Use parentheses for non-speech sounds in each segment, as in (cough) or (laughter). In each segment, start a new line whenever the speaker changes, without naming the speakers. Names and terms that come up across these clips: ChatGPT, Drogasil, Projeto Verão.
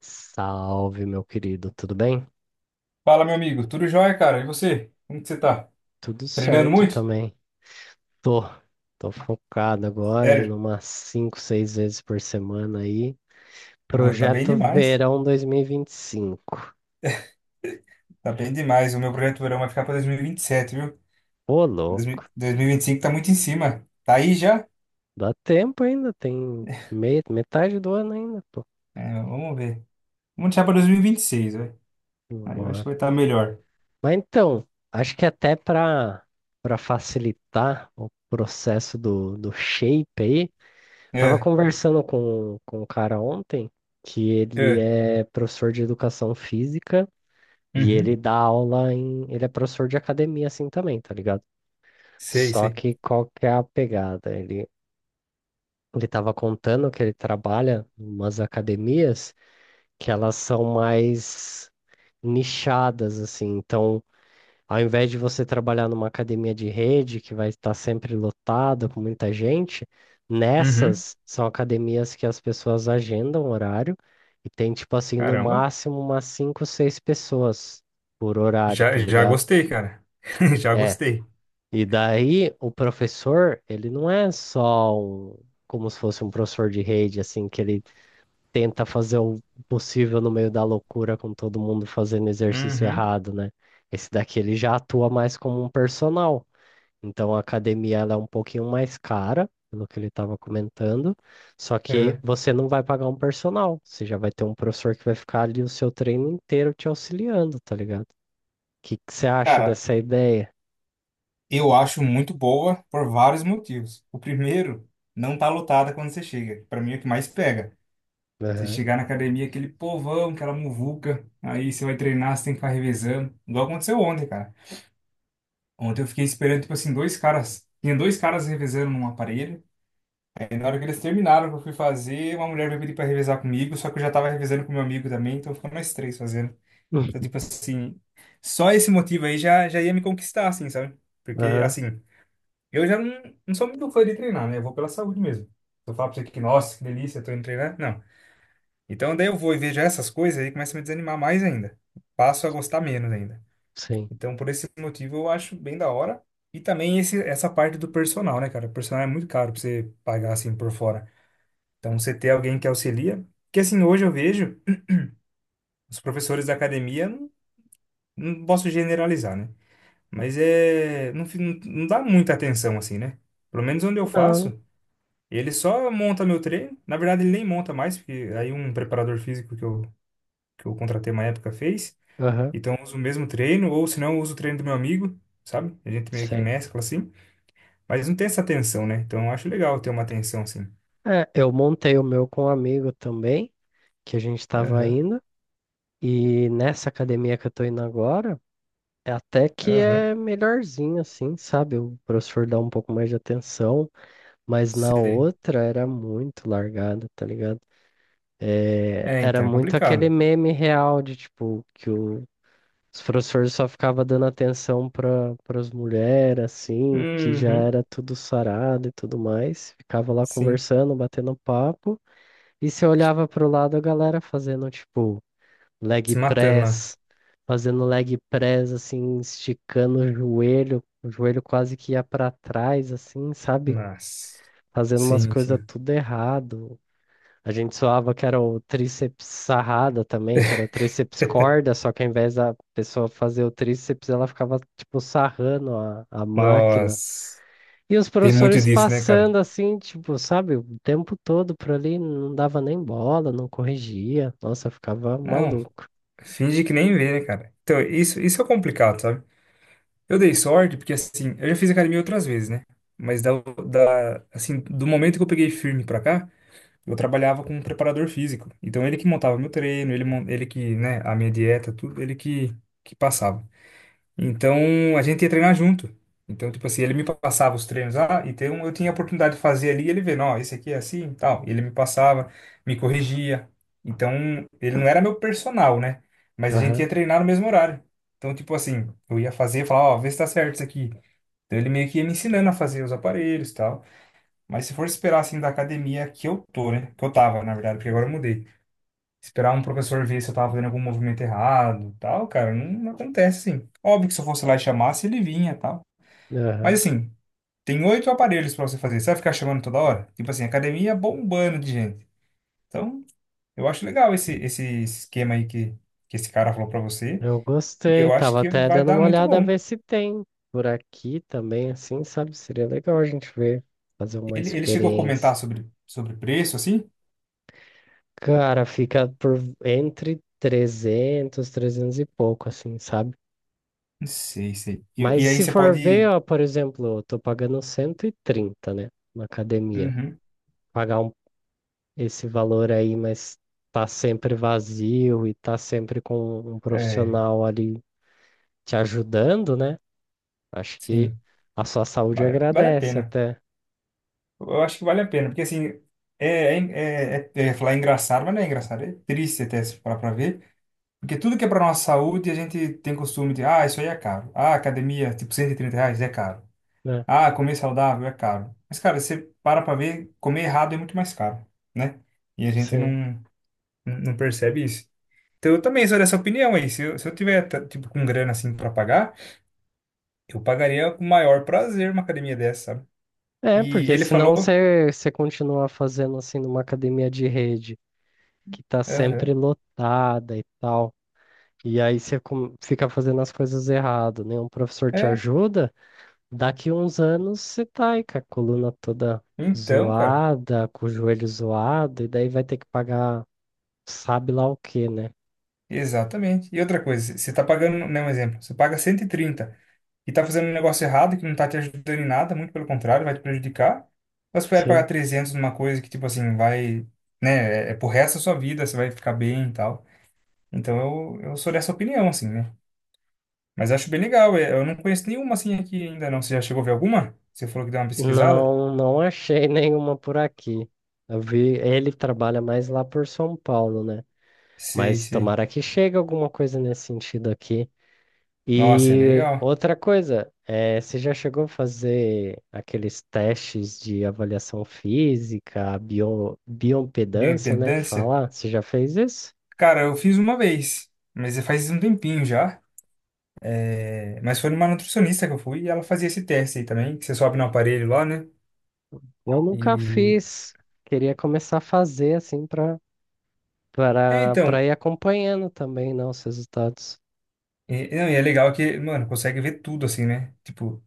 Salve, meu querido, tudo bem?
Fala, meu amigo. Tudo jóia, cara? E você? Como que você tá?
Tudo
Treinando
certo
muito?
também. Tô, tô focado agora em
Sério?
umas 5, 6 vezes por semana aí.
Ô, tá bem
Projeto
demais.
Verão dois mil e vinte e cinco.
Tá bem demais. O meu projeto verão vai ficar para 2027, viu?
Ô, louco.
2000 2025 tá muito em cima. Tá aí já?
Dá tempo ainda, tem metade do ano ainda, pô.
É, vamos ver. Vamos deixar para 2026, velho. Aí eu acho que
Bora.
vai estar melhor.
Mas então, acho que até para facilitar o processo do shape aí. Tava
É,
conversando com um cara ontem que ele
é.
é professor de educação física e ele
Uhum.
dá aula em. Ele é professor de academia assim também, tá ligado?
Sei,
Só
sei.
que qual que é a pegada? Ele tava contando que ele trabalha em umas academias que elas são mais nichadas, assim. Então, ao invés de você trabalhar numa academia de rede que vai estar sempre lotada com muita gente,
Uhum.
nessas são academias que as pessoas agendam horário e tem, tipo assim, no
Caramba.
máximo umas 5, 6 pessoas por horário,
Já,
tá
já
ligado?
gostei, cara. (laughs) Já
É.
gostei.
E daí o professor, ele não é só um, como se fosse um professor de rede, assim, que ele tenta fazer o possível no meio da loucura com todo mundo fazendo exercício
Uhum.
errado, né? Esse daqui ele já atua mais como um personal. Então a academia ela é um pouquinho mais cara, pelo que ele estava comentando. Só que
É.
você não vai pagar um personal. Você já vai ter um professor que vai ficar ali o seu treino inteiro te auxiliando, tá ligado? O que que você acha
Cara,
dessa ideia?
eu acho muito boa por vários motivos. O primeiro, não tá lotada quando você chega. Para mim é o que mais pega. Você
Aham.
chegar
(laughs)
na academia, aquele povão, aquela muvuca, aí você vai treinar, você tem que ficar revezando. Igual aconteceu ontem, cara. Ontem eu fiquei esperando, tipo assim, dois caras. Tinha dois caras revezando num aparelho. Aí na hora que eles terminaram, que eu fui fazer, uma mulher veio pedir pra revezar comigo, só que eu já tava revezando com meu amigo também, então ficou nós três fazendo.
Hum.
Então, tipo assim, só esse motivo aí já, já ia me conquistar, assim, sabe? Porque,
Aham,
assim. Eu já não sou muito fã de treinar, né? Eu vou pela saúde mesmo. Se eu falar pra você que, nossa, que delícia, tô indo treinar, não. Então daí eu vou e vejo essas coisas aí começa a me desanimar mais ainda. Passo a gostar menos ainda.
sim.
Então por esse motivo eu acho bem da hora. E também essa parte do personal, né, cara? O personal é muito caro pra você pagar assim por fora. Então você ter alguém que auxilia. Porque assim, hoje eu vejo os professores da academia, não, não posso generalizar, né? Mas é, não, não dá muita atenção assim, né? Pelo menos onde eu
Não,
faço. E ele só monta meu treino. Na verdade, ele nem monta mais, porque aí um preparador físico que eu contratei uma época fez.
aham,
Então, eu uso o mesmo treino, ou se não, eu uso o treino do meu amigo, sabe? A gente meio que
sim.
mescla assim. Mas não tem essa tensão, né? Então, eu acho legal ter uma tensão assim.
É, eu montei o meu com um amigo também, que a gente estava
Aham,
indo, e nessa academia que eu tô indo agora, é até que
aham.
é melhorzinho, assim, sabe? O professor dá um pouco mais de atenção. Mas na
Sei.
outra era muito largada, tá ligado? É,
É,
era
então, é
muito aquele
complicado.
meme real de tipo que os professores só ficavam dando atenção para as mulheres, assim, que já
Uhum,
era tudo sarado e tudo mais. Ficava lá
sim.
conversando, batendo papo, e você olhava pro lado a galera fazendo tipo leg
Se matando lá.
press, fazendo leg press, assim, esticando o joelho quase que ia para trás, assim, sabe?
Nossa.
Fazendo umas
Sim,
coisas
sim.
tudo errado. A gente zoava que era o tríceps sarrada também, que era o tríceps
(laughs)
corda, só que ao invés da pessoa fazer o tríceps, ela ficava, tipo, sarrando a máquina.
Nossa.
E os
Tem muito
professores
disso, né, cara?
passando assim, tipo, sabe, o tempo todo por ali, não dava nem bola, não corrigia. Nossa, eu ficava
Não.
maluco.
Finge que nem vê, né, cara? Então, isso é complicado, sabe? Eu dei sorte porque, assim, eu já fiz academia outras vezes, né? Mas da, assim, do momento que eu peguei firme pra cá, eu trabalhava com um preparador físico. Então, ele que montava meu treino, ele que, né, a minha dieta, tudo, ele que, passava. Então a gente ia treinar junto. Então, tipo assim, ele me passava os treinos lá, então eu tinha a oportunidade de fazer ali, e ele vendo, ó, esse aqui é assim, e tal. E ele me passava, me corrigia. Então, ele não era meu personal, né? Mas a gente
Aham,
ia treinar no mesmo horário. Então, tipo assim, eu ia fazer e falava, ó, vê se tá certo isso aqui. Então, ele meio que ia me ensinando a fazer os aparelhos e tal. Mas se for esperar assim da academia que eu tô, né? Que eu tava, na verdade, porque agora eu mudei. Esperar um professor ver se eu tava fazendo algum movimento errado, tal, cara, não acontece assim. Óbvio que se eu fosse lá e chamasse, ele vinha, tal. Mas
aham.
assim, tem oito aparelhos pra você fazer. Você vai ficar chamando toda hora? Tipo assim, academia bombando de gente. Então, eu acho legal esse esquema aí que esse cara falou pra você.
Eu
E
gostei,
eu acho
tava
que
até
vai
dando
dar
uma
muito
olhada a
bom.
ver se tem por aqui também, assim, sabe? Seria legal a gente ver, fazer uma
Ele chegou a
experiência.
comentar sobre preço, assim?
Cara, fica por entre 300 e pouco, assim, sabe?
Não sei, sei. E,
Mas
e aí
se
você
for ver,
pode.
ó, por exemplo, eu tô pagando 130, né, na academia.
Uhum.
Pagar um- Esse valor aí, mas tá sempre vazio e tá sempre com um
É,
profissional ali te ajudando, né? Acho que
sim.
a sua saúde
Vale, a- vale a
agradece
pena.
até,
Eu acho que vale a pena, porque assim, é, é, é falar engraçado, mas não é engraçado, é triste até se parar pra ver, porque tudo que é pra nossa saúde, a gente tem costume de, ah, isso aí é caro. Ah, academia, tipo, R$ 130 é caro.
né?
Ah, comer saudável é caro. Mas, cara, você para pra ver, comer errado é muito mais caro, né? E a gente
Sim.
não percebe isso. Então, eu também sou dessa opinião aí. Se eu tiver, tá, tipo, com grana, assim, pra pagar, eu pagaria com o maior prazer uma academia dessa, sabe?
É,
E
porque
ele
senão
falou,
você continua fazendo assim numa academia de rede que tá sempre
aham,
lotada e tal. E aí você fica fazendo as coisas errado, nenhum professor te
é,
ajuda, daqui uns anos você tá aí com a coluna toda
então, cara.
zoada, com o joelho zoado, e daí vai ter que pagar sabe lá o quê, né?
Exatamente. E outra coisa, você está pagando, né, um exemplo, você paga 130 e está fazendo um negócio errado que não está te ajudando em nada, muito pelo contrário, vai te prejudicar. Mas espera pagar
Sim.
300 numa coisa que, tipo assim, vai, né, é, é pro resto da sua vida, você vai ficar bem e tal. Então eu sou dessa opinião, assim, né? Mas acho bem legal, é, eu não conheço nenhuma assim aqui ainda não. Você já chegou a ver alguma? Você falou que deu uma pesquisada?
Não, não achei (laughs) nenhuma por aqui. Eu vi, ele trabalha mais lá por São Paulo, né?
Sei,
Mas
sei.
tomara que chegue alguma coisa nesse sentido aqui.
Nossa, é
E
legal.
outra coisa, você já chegou a fazer aqueles testes de avaliação física, bioimpedância, né, que
Bioimpedância?
fala? Você já fez isso?
Cara, eu fiz uma vez, mas faz um tempinho já. É, mas foi numa nutricionista que eu fui e ela fazia esse teste aí também, que você sobe no aparelho lá, né?
Eu nunca
E.
fiz. Queria começar a fazer assim para
É,
para
então.
para ir acompanhando também, né, os resultados.
E, não, e é legal que, mano, consegue ver tudo assim, né? Tipo,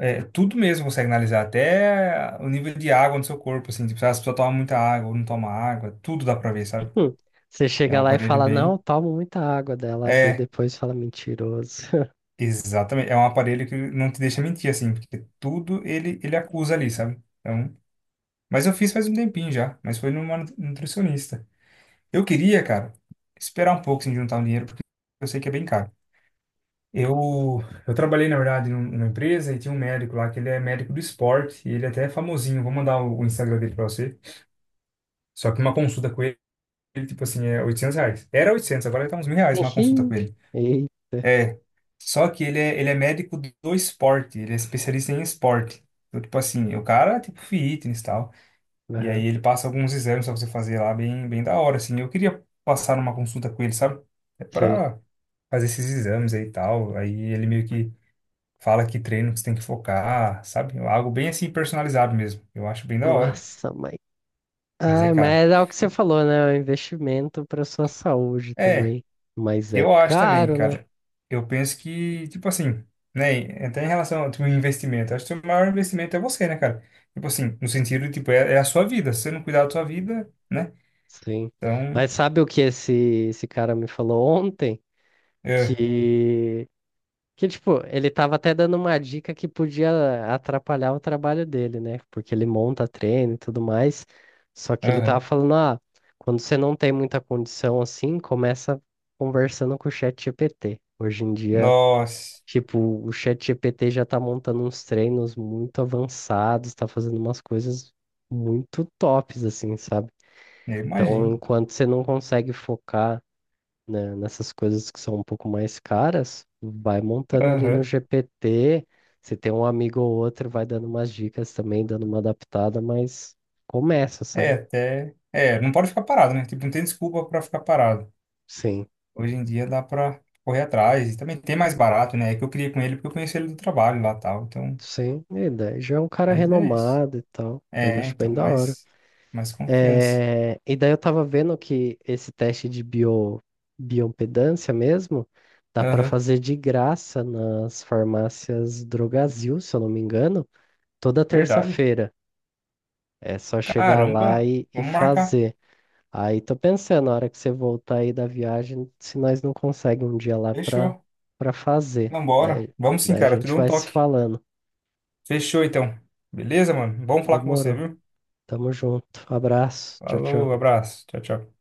é, tudo mesmo consegue analisar, até o nível de água no seu corpo, assim. Tipo, se a pessoa toma muita água ou não toma água, tudo dá pra ver, sabe?
Hum. Você
É um
chega lá e
aparelho
fala, não,
bem.
eu tomo muita água dela, vê
É,
depois e fala mentiroso.
exatamente. É um aparelho que não te deixa mentir, assim, porque tudo ele, acusa ali, sabe? Então. Mas eu fiz faz um tempinho já, mas foi numa nutricionista. Eu queria, cara, esperar um pouco sem juntar um dinheiro, porque eu sei que é bem caro. Eu, eu trabalhei, na verdade, numa empresa e tinha um médico lá, que ele é médico do esporte, e ele até é famosinho. Vou mandar o Instagram dele pra você. Só que uma consulta com ele, ele, tipo assim, é R$ 800. Era 800, agora tá uns R$ 1.000 uma consulta com
(laughs)
ele.
Ih,
É, só que ele é médico do esporte, ele é especialista em esporte. Então, tipo assim, o cara é tipo fitness e tal. E
aham,
aí ele passa alguns exames pra você fazer lá bem, bem da hora, assim. Eu queria passar numa consulta com ele, sabe? É
sei.
pra fazer esses exames aí e tal. Aí ele meio que fala que treino que você tem que focar, sabe? Algo bem assim personalizado mesmo. Eu acho bem da hora,
Nossa, mas
mas é
ah,
caro.
mas é o que você falou, né? É um investimento para sua saúde
É,
também. Mas é
eu acho também,
caro, né?
cara. Eu penso que, tipo assim, né? Até em relação ao teu investimento, acho que o teu maior investimento é você, né, cara? Tipo assim, no sentido, tipo, é, é a sua vida. Se você não cuidar da sua vida, né?
Sim.
Então,
Mas sabe o que esse cara me falou ontem?
é,
Que, tipo, ele tava até dando uma dica que podia atrapalhar o trabalho dele, né? Porque ele monta treino e tudo mais. Só que ele tava
aham.
falando, ah, quando você não tem muita condição assim, começa conversando com o chat GPT. Hoje em dia,
Nossa.
tipo, o ChatGPT já tá montando uns treinos muito avançados, tá fazendo umas coisas muito tops, assim, sabe?
Eu
Então,
imagino.
enquanto você não consegue focar, né, nessas coisas que são um pouco mais caras, vai montando ali no
Aham.
GPT. Se tem um amigo ou outro, vai dando umas dicas também, dando uma adaptada, mas começa,
É,
sabe?
até. É, não pode ficar parado, né? Tipo, não tem desculpa pra ficar parado.
Sim,
Hoje em dia dá pra correr atrás. E também tem mais barato, né? É que eu queria com ele porque eu conheci ele do trabalho lá e tal. Então,
sim. E daí já é um cara
mas é isso.
renomado e tal, mas
É,
acho
então,
bem da hora.
mais confiança.
É, e daí eu tava vendo que esse teste de bioimpedância mesmo dá para
Aham.
fazer de graça nas farmácias Drogasil, se eu não me engano, toda
Verdade.
terça-feira. É só chegar lá
Caramba.
e
Vamos marcar.
fazer. Aí tô pensando, na hora que você voltar aí da viagem, se nós não conseguimos um dia lá para
Fechou.
para fazer.
Vambora. Vamos sim,
Daí a
cara. Tu
gente
deu um
vai se
toque.
falando.
Fechou, então. Beleza, mano? Vamos falar com você,
Demorou.
viu?
Tamo junto. Abraço. Tchau,
Falou,
tchau.
abraço. Tchau, tchau.